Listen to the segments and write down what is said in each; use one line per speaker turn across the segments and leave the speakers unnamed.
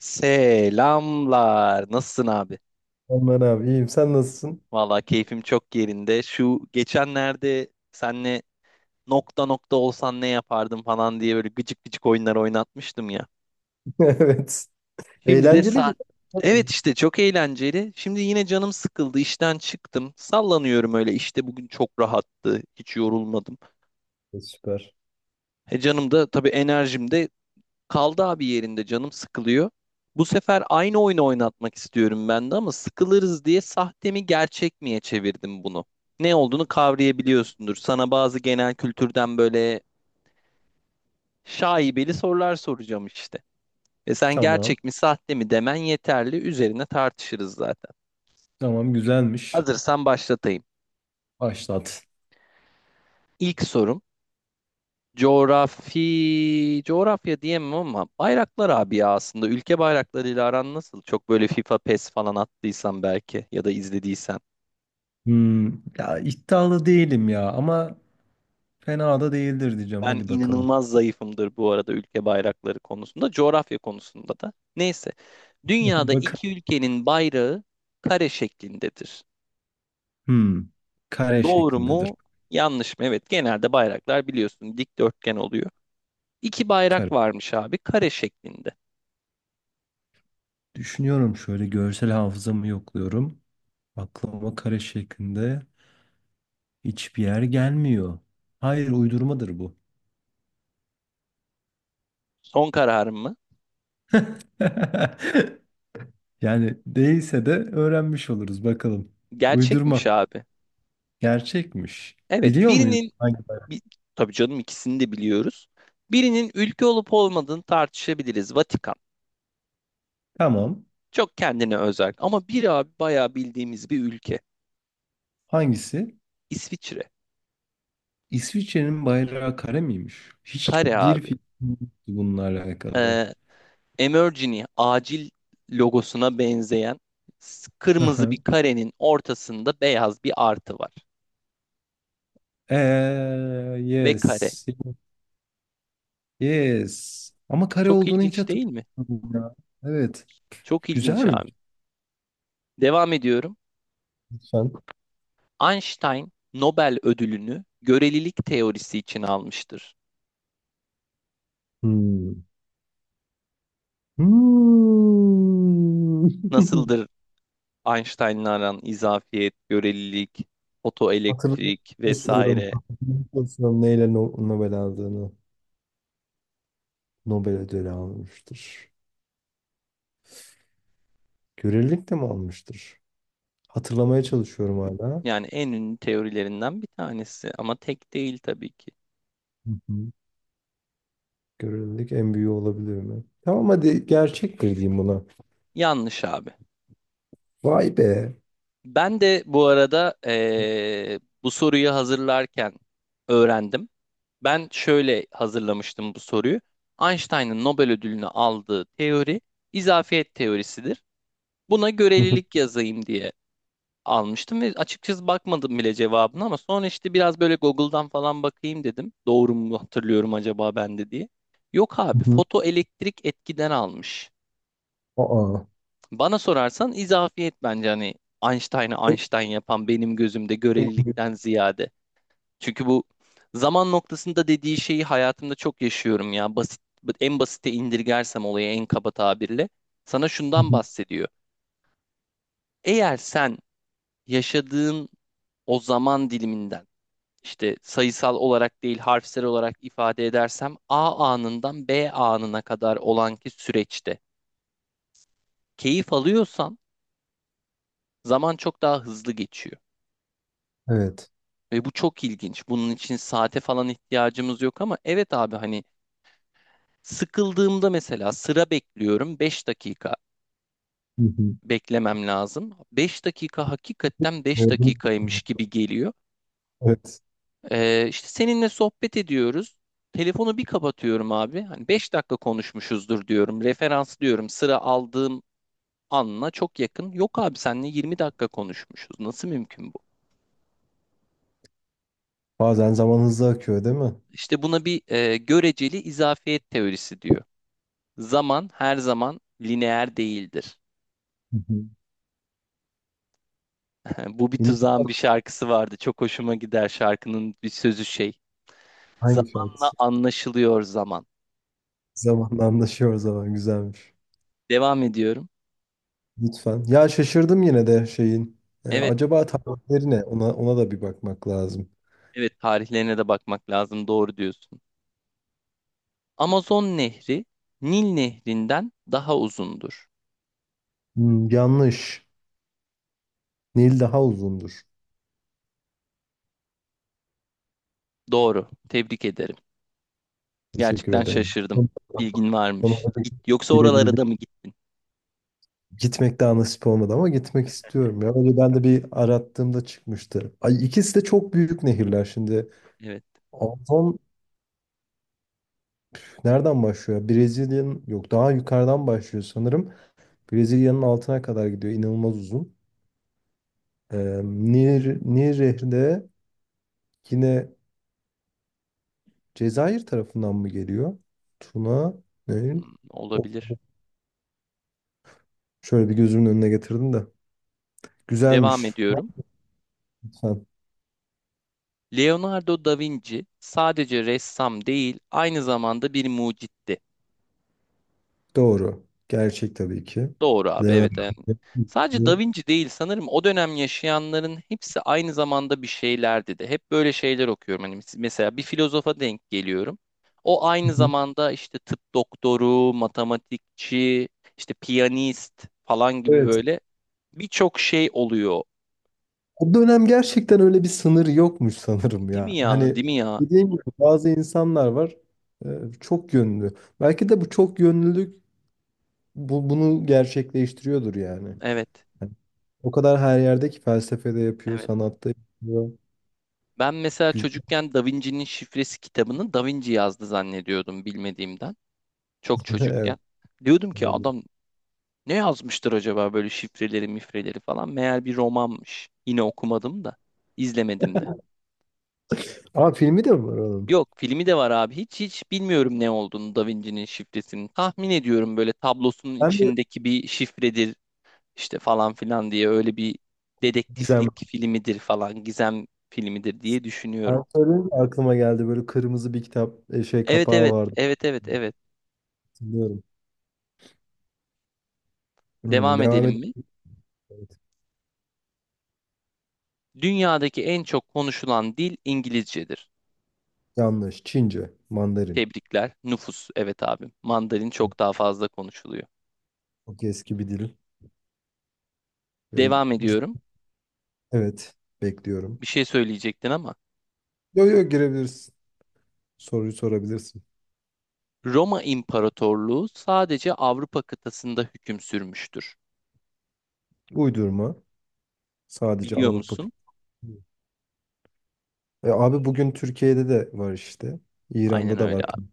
Selamlar. Nasılsın abi?
Aman abi, iyiyim. Sen nasılsın?
Valla keyfim çok yerinde. Şu geçenlerde senle nokta nokta olsan ne yapardım falan diye böyle gıcık gıcık oyunlar oynatmıştım ya.
Evet.
Şimdi de
Eğlenceliydi.
saat. Evet,
Evet.
işte çok eğlenceli. Şimdi yine canım sıkıldı. İşten çıktım. Sallanıyorum öyle. İşte bugün çok rahattı. Hiç yorulmadım.
Süper.
E canım da tabii, enerjim de kaldı abi yerinde, canım sıkılıyor. Bu sefer aynı oyunu oynatmak istiyorum ben de ama sıkılırız diye sahte mi gerçek miye çevirdim bunu. Ne olduğunu kavrayabiliyorsundur. Sana bazı genel kültürden böyle şaibeli sorular soracağım işte. Ve sen
Tamam.
gerçek mi sahte mi demen yeterli. Üzerine tartışırız zaten.
Tamam, güzelmiş.
Hazırsan başlatayım.
Başlat.
İlk sorum. Coğrafya diyemem ama bayraklar abi ya aslında. Ülke bayraklarıyla aran nasıl? Çok böyle FIFA, PES falan attıysan belki ya da izlediysen.
Hmm, ya, iddialı değilim ya, ama fena da değildir diyeceğim.
Ben
Hadi bakalım.
inanılmaz zayıfımdır bu arada ülke bayrakları konusunda, coğrafya konusunda da. Neyse. Dünyada
Bak.
iki ülkenin bayrağı kare şeklindedir.
Hmm, kare
Doğru
şeklindedir.
mu? Yanlış mı? Evet, genelde bayraklar biliyorsun dikdörtgen oluyor. İki bayrak
Kare.
varmış abi kare şeklinde.
Düşünüyorum, şöyle görsel hafızamı yokluyorum. Aklıma kare şeklinde hiçbir yer gelmiyor. Hayır, uydurmadır bu.
Son kararım mı?
Yani değilse de öğrenmiş oluruz bakalım. Uydurma.
Gerçekmiş abi.
Gerçekmiş.
Evet,
Biliyor muyuz?
bir, tabii canım ikisini de biliyoruz. Birinin ülke olup olmadığını tartışabiliriz. Vatikan.
Tamam.
Çok kendine özel ama bir abi bayağı bildiğimiz bir ülke.
Hangisi?
İsviçre.
İsviçre'nin bayrağı kare miymiş?
Kare
Hiçbir
abi.
fikrim yoktu bununla alakalı.
Ee, Emergency acil logosuna benzeyen
Hı
kırmızı bir
hı.
karenin ortasında beyaz bir artı var.
Eee,
Ve kare.
yes. Yes. Ama kare
Çok
olduğunu hiç
ilginç değil mi?
hatırlamıyorum ya. Evet.
Çok ilginç abi.
Güzelmiş.
Devam ediyorum.
Lütfen.
Einstein Nobel ödülünü görelilik teorisi için almıştır.
Hmm. Hmm.
Nasıldır Einstein'la aran izafiyet, görelilik,
Hatırlamak
fotoelektrik
istiyorum.
vesaire?
Hatırlamak istiyorum neyle Nobel aldığını. Nobel ödülü almıştır. Görelilik de mi almıştır? Hatırlamaya çalışıyorum hala.
Yani en ünlü teorilerinden bir tanesi ama tek değil tabii ki.
Hı hı. Görelilik en büyüğü olabilir mi? Tamam, hadi gerçektir diyeyim buna.
Yanlış abi.
Vay be.
Ben de bu arada bu soruyu hazırlarken öğrendim. Ben şöyle hazırlamıştım bu soruyu. Einstein'ın Nobel ödülünü aldığı teori izafiyet teorisidir. Buna
Hı hı.
görelilik yazayım diye almıştım ve açıkçası bakmadım bile cevabına ama sonra işte biraz böyle Google'dan falan bakayım dedim. Doğru mu hatırlıyorum acaba ben de diye. Yok
Hı
abi,
hı.
fotoelektrik etkiden almış.
Aa.
Bana sorarsan izafiyet bence hani Einstein'ı Einstein yapan benim gözümde
En büyük-
görelilikten ziyade. Çünkü bu zaman noktasında dediği şeyi hayatımda çok yaşıyorum ya. Basit, en basite indirgersem olayı en kaba tabirle. Sana
Hı
şundan
hı.
bahsediyor. Eğer sen yaşadığın o zaman diliminden, işte sayısal olarak değil harfsel olarak ifade edersem, A anından B anına kadar olan ki süreçte keyif alıyorsan zaman çok daha hızlı geçiyor.
Evet.
Ve bu çok ilginç. Bunun için saate falan ihtiyacımız yok ama evet abi, hani sıkıldığımda mesela sıra bekliyorum, 5 dakika
Hı hı.
beklemem lazım. 5 dakika hakikaten 5
Gördün mü?
dakikaymış gibi geliyor.
Evet.
İşte seninle sohbet ediyoruz. Telefonu bir kapatıyorum abi. Hani 5 dakika konuşmuşuzdur diyorum. Referans diyorum. Sıra aldığım anla çok yakın. Yok abi, seninle yirmi dakika konuşmuşuz. Nasıl mümkün bu?
Bazen zaman hızlı akıyor, değil mi?
İşte buna bir göreceli izafiyet teorisi diyor. Zaman her zaman lineer değildir.
Hı hı.
Bu bir
Yine
Tuzağın
bu-
bir şarkısı vardı. Çok hoşuma gider şarkının bir sözü şey.
hangi
Zamanla
şarkısı?
anlaşılıyor zaman.
Zamanla anlaşıyor zaman, güzelmiş.
Devam ediyorum.
Lütfen. Ya, şaşırdım yine de şeyin.
Evet,
Acaba tarihleri ne? Ona da bir bakmak lazım.
evet, tarihlerine de bakmak lazım. Doğru diyorsun. Amazon Nehri Nil Nehri'nden daha uzundur.
Yanlış. Nil daha uzundur.
Doğru. Tebrik ederim.
Teşekkür
Gerçekten
ederim.
şaşırdım. Bilgin varmış.
Sonunda da
Git. Yoksa oralara
gidebildim.
da mı gittin?
Gitmek daha nasip olmadı ama gitmek istiyorum ya. Önceden de bir arattığımda çıkmıştı. Ay, ikisi de çok büyük nehirler şimdi.
Evet.
Amazon nereden başlıyor? Brezilya'nın, yok, daha yukarıdan başlıyor sanırım. Brezilya'nın altına kadar gidiyor. İnanılmaz uzun. Ee, Nil Nehri de yine Cezayir tarafından mı geliyor? Tuna, Nehir.
Hmm,
Of,
olabilir.
şöyle bir gözümün önüne getirdim de.
Devam
Güzelmiş.
ediyorum. Leonardo da Vinci sadece ressam değil, aynı zamanda bir mucitti.
Doğru. Gerçek tabii ki.
Doğru abi, evet. Yani
Leonardo.
sadece da Vinci değil, sanırım o dönem yaşayanların hepsi aynı zamanda bir şeylerdi de. Hep böyle şeyler okuyorum. Hani mesela bir filozofa denk geliyorum. O
Hı
aynı
hı.
zamanda işte tıp doktoru, matematikçi, işte piyanist falan gibi
Evet.
böyle birçok şey oluyor.
O dönem gerçekten öyle bir sınır yokmuş sanırım
Değil mi
ya.
ya?
Hani
Değil mi ya?
dediğim gibi bazı insanlar var, e, çok yönlü. Belki de bu çok yönlülük bunu gerçekleştiriyordur yani.
Evet.
Hani o kadar her yerde ki, felsefede yapıyor,
Evet.
sanatta yapıyor.
Ben mesela
Güzel.
çocukken Da Vinci'nin Şifresi kitabını Da Vinci yazdı zannediyordum bilmediğimden. Çok
Evet.
çocukken. Diyordum ki
Olabilir.
adam ne yazmıştır acaba böyle şifreleri mifreleri falan. Meğer bir romanmış. Yine okumadım da izlemedim de.
Aa, filmi de mi var onun?
Yok, filmi de var abi. Hiç bilmiyorum ne olduğunu Da Vinci'nin Şifresi'nin. Tahmin ediyorum böyle tablosunun
Ben de.
içindeki bir şifredir işte falan filan diye, öyle bir
Gizem.
dedektiflik filmidir falan, gizem filmidir diye düşünüyorum.
Ben söyleyince aklıma geldi, böyle kırmızı bir kitap şey
Evet,
kapağı
evet,
vardı.
evet, evet, evet.
Hatırlıyorum.
Devam
Devam et.
edelim mi?
Evet.
Dünyadaki en çok konuşulan dil İngilizcedir.
Yanlış. Çince, Mandarin.
Tebrikler. Nüfus. Evet abim. Mandarin çok daha fazla konuşuluyor.
Çok eski bir dil. Ve
Devam
cid-
ediyorum.
evet, bekliyorum.
Bir şey söyleyecektin ama.
Yo yo, girebilirsin. Soruyu sorabilirsin.
Roma İmparatorluğu sadece Avrupa kıtasında hüküm sürmüştür.
Uydurma. Sadece
Biliyor
Avrupa. kıt-
musun?
E, abi, bugün Türkiye'de de var işte.
Aynen
İran'da da
öyle,
var.
abi.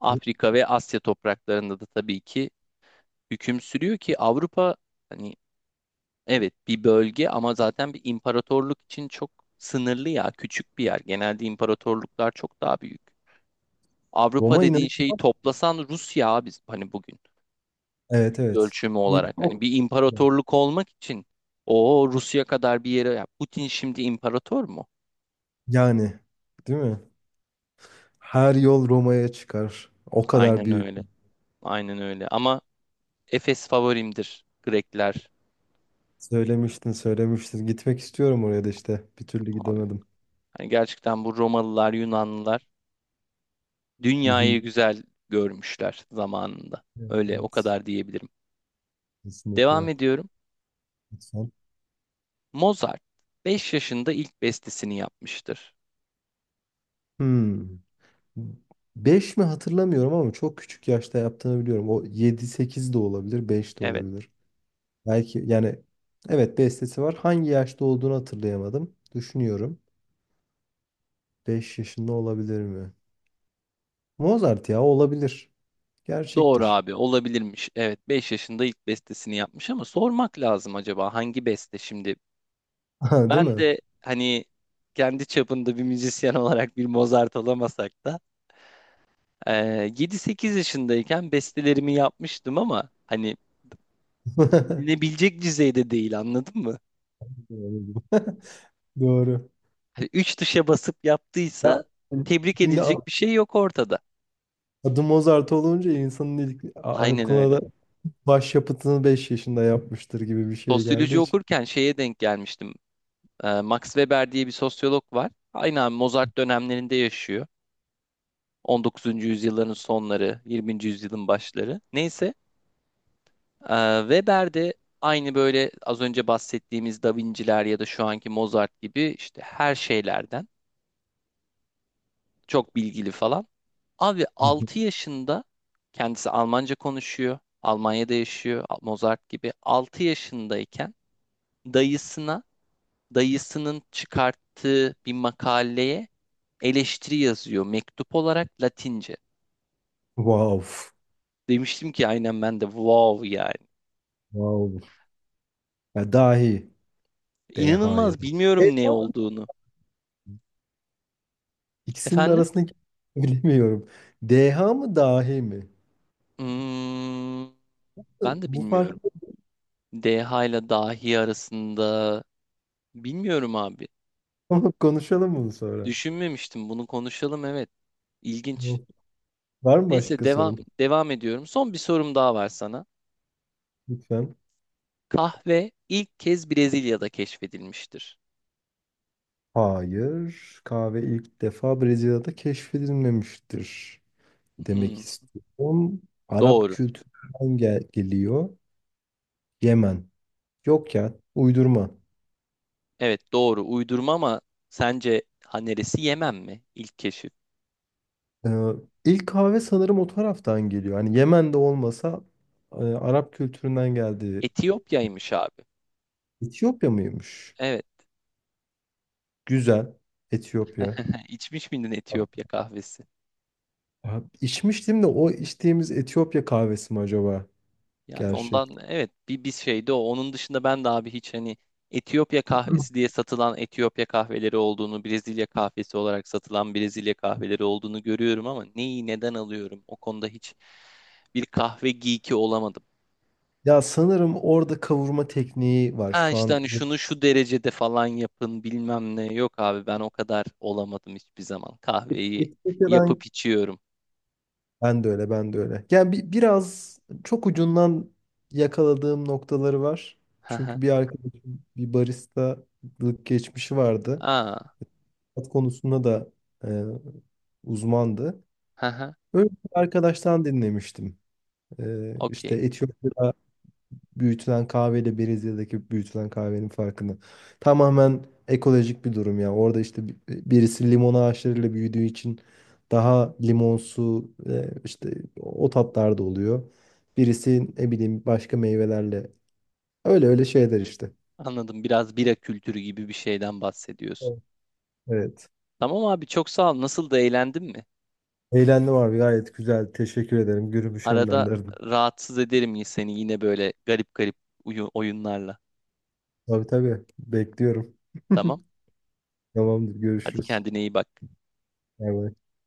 Afrika ve Asya topraklarında da tabii ki hüküm sürüyor ki Avrupa hani evet bir bölge ama zaten bir imparatorluk için çok sınırlı ya, küçük bir yer. Genelde imparatorluklar çok daha büyük. Avrupa
Roma
dediğin şeyi
inanılmaz.
toplasan Rusya abi, hani bugün
Evet,
yüz
evet.
ölçümü
Bir-
olarak hani
o-
bir imparatorluk olmak için o Rusya kadar bir yere, ya Putin şimdi imparator mu?
Yani değil mi? Her yol Roma'ya çıkar. O kadar
Aynen
büyük.
öyle. Aynen öyle. Ama Efes favorimdir, Grekler
Söylemiştin, söylemiştin. Gitmek istiyorum oraya da işte. Bir türlü
abi.
gidemedim.
Hani gerçekten bu Romalılar, Yunanlılar
Hı hı.
dünyayı güzel görmüşler zamanında.
Evet,
Öyle, o
evet.
kadar diyebilirim. Devam
Kesinlikle.
ediyorum.
Lütfen.
Mozart 5 yaşında ilk bestesini yapmıştır.
Hmm. Beş mi, hatırlamıyorum, ama çok küçük yaşta yaptığını biliyorum. O yedi sekiz de olabilir, 5 de
Evet.
olabilir. Belki, yani evet, bestesi var. Hangi yaşta olduğunu hatırlayamadım. Düşünüyorum. 5 yaşında olabilir mi? Mozart ya, olabilir.
Doğru
Gerçektir.
abi, olabilirmiş. Evet, 5 yaşında ilk bestesini yapmış ama sormak lazım acaba hangi beste şimdi?
Ha, değil
Ben
mi?
de hani kendi çapında bir müzisyen olarak bir Mozart olamasak da eee 7-8 yaşındayken bestelerimi yapmıştım ama hani dinlenebilecek düzeyde değil, anladın mı?
Doğru. Doğru.
Hani 3 tuşa basıp
Ya,
yaptıysa tebrik
şimdi
edilecek bir şey yok ortada.
adı Mozart olunca insanın ilk
Aynen
aklına
öyle.
da başyapıtını 5 yaşında yapmıştır gibi bir şey geldiği
Sosyoloji
için.
okurken şeye denk gelmiştim. Max Weber diye bir sosyolog var. Aynen Mozart dönemlerinde yaşıyor. 19. yüzyılların sonları, 20. yüzyılın başları. Neyse. Weber de aynı böyle az önce bahsettiğimiz Da Vinci'ler ya da şu anki Mozart gibi işte her şeylerden çok bilgili falan. Abi 6 yaşında kendisi Almanca konuşuyor. Almanya'da yaşıyor Mozart gibi. 6 yaşındayken dayısına, dayısının çıkarttığı bir makaleye eleştiri yazıyor mektup olarak Latince.
Wow.
Demiştim ki aynen ben de wow yani.
Wow. Ya, dahi. DH ya
İnanılmaz,
da.
bilmiyorum
Evet,
ne
ama
olduğunu.
İkisinin
Efendim?
arasındaki bilemiyorum. DH mı dahi mi?
Hmm, ben de
Bu farkı
bilmiyorum. DH ile dahi arasında bilmiyorum abi.
konuşalım bunu sonra.
Düşünmemiştim. Bunu konuşalım, evet. İlginç.
Yok. Var mı
Neyse,
başka
devam
sorun?
devam ediyorum. Son bir sorum daha var sana.
Lütfen.
Kahve ilk kez Brezilya'da keşfedilmiştir.
Hayır. Kahve ilk defa Brezilya'da keşfedilmemiştir. Demek
Hmm,
istiyorum. Arap
doğru.
kültüründen geliyor. Yemen. Yok ya, uydurma.
Evet, doğru. Uydurma ama sence ha, neresi, Yemen mi? İlk keşif.
Ee, ilk kahve sanırım o taraftan geliyor. Hani Yemen'de olmasa, Arap kültüründen geldiği.
Etiyopya'ymış abi.
Etiyopya mıymış?
Evet.
Güzel. Etiyopya.
İçmiş miydin Etiyopya kahvesi?
Ya, içmiştim de, o içtiğimiz Etiyopya kahvesi mi acaba?
Yani
Gerçek.
ondan evet, bir şeydi o. Onun dışında ben de abi hiç hani Etiyopya kahvesi diye satılan Etiyopya kahveleri olduğunu, Brezilya kahvesi olarak satılan Brezilya kahveleri olduğunu görüyorum ama neyi neden alıyorum? O konuda hiç bir kahve geeki olamadım.
Ya sanırım orada kavurma tekniği var
Ha,
şu
işte
an.
hani şunu şu derecede falan yapın bilmem ne. Yok abi, ben o kadar olamadım hiçbir zaman. Kahveyi
Etiyopya'dan.
yapıp içiyorum.
Ben de öyle, ben de öyle. Yani biraz çok ucundan yakaladığım noktaları var.
Ha ha.
Çünkü bir arkadaşım, bir baristalık geçmişi vardı.
Aa.
Tat konusunda da e, uzmandı.
Ha ha.
Öyle bir arkadaştan dinlemiştim. E, işte
Okey.
Etiyopya'da büyütülen kahveyle Brezilya'daki büyütülen kahvenin farkını. Tamamen ekolojik bir durum ya. Orada işte birisi limon ağaçlarıyla büyüdüğü için daha limonsu, işte o tatlarda oluyor. Birisi ne bileyim başka meyvelerle. Öyle öyle şeyler işte.
Anladım. Biraz bira kültürü gibi bir şeyden bahsediyorsun.
Evet. Evet.
Tamam abi, çok sağ ol. Nasıl, da eğlendin mi?
Eğlendim abi, gayet güzel. Teşekkür ederim. Gürümü
Arada
şenlendirdim.
rahatsız ederim seni yine böyle garip garip oyunlarla.
Tabii tabii. Bekliyorum.
Tamam.
Tamamdır.
Hadi
Görüşürüz.
kendine iyi bak.
Bay bay.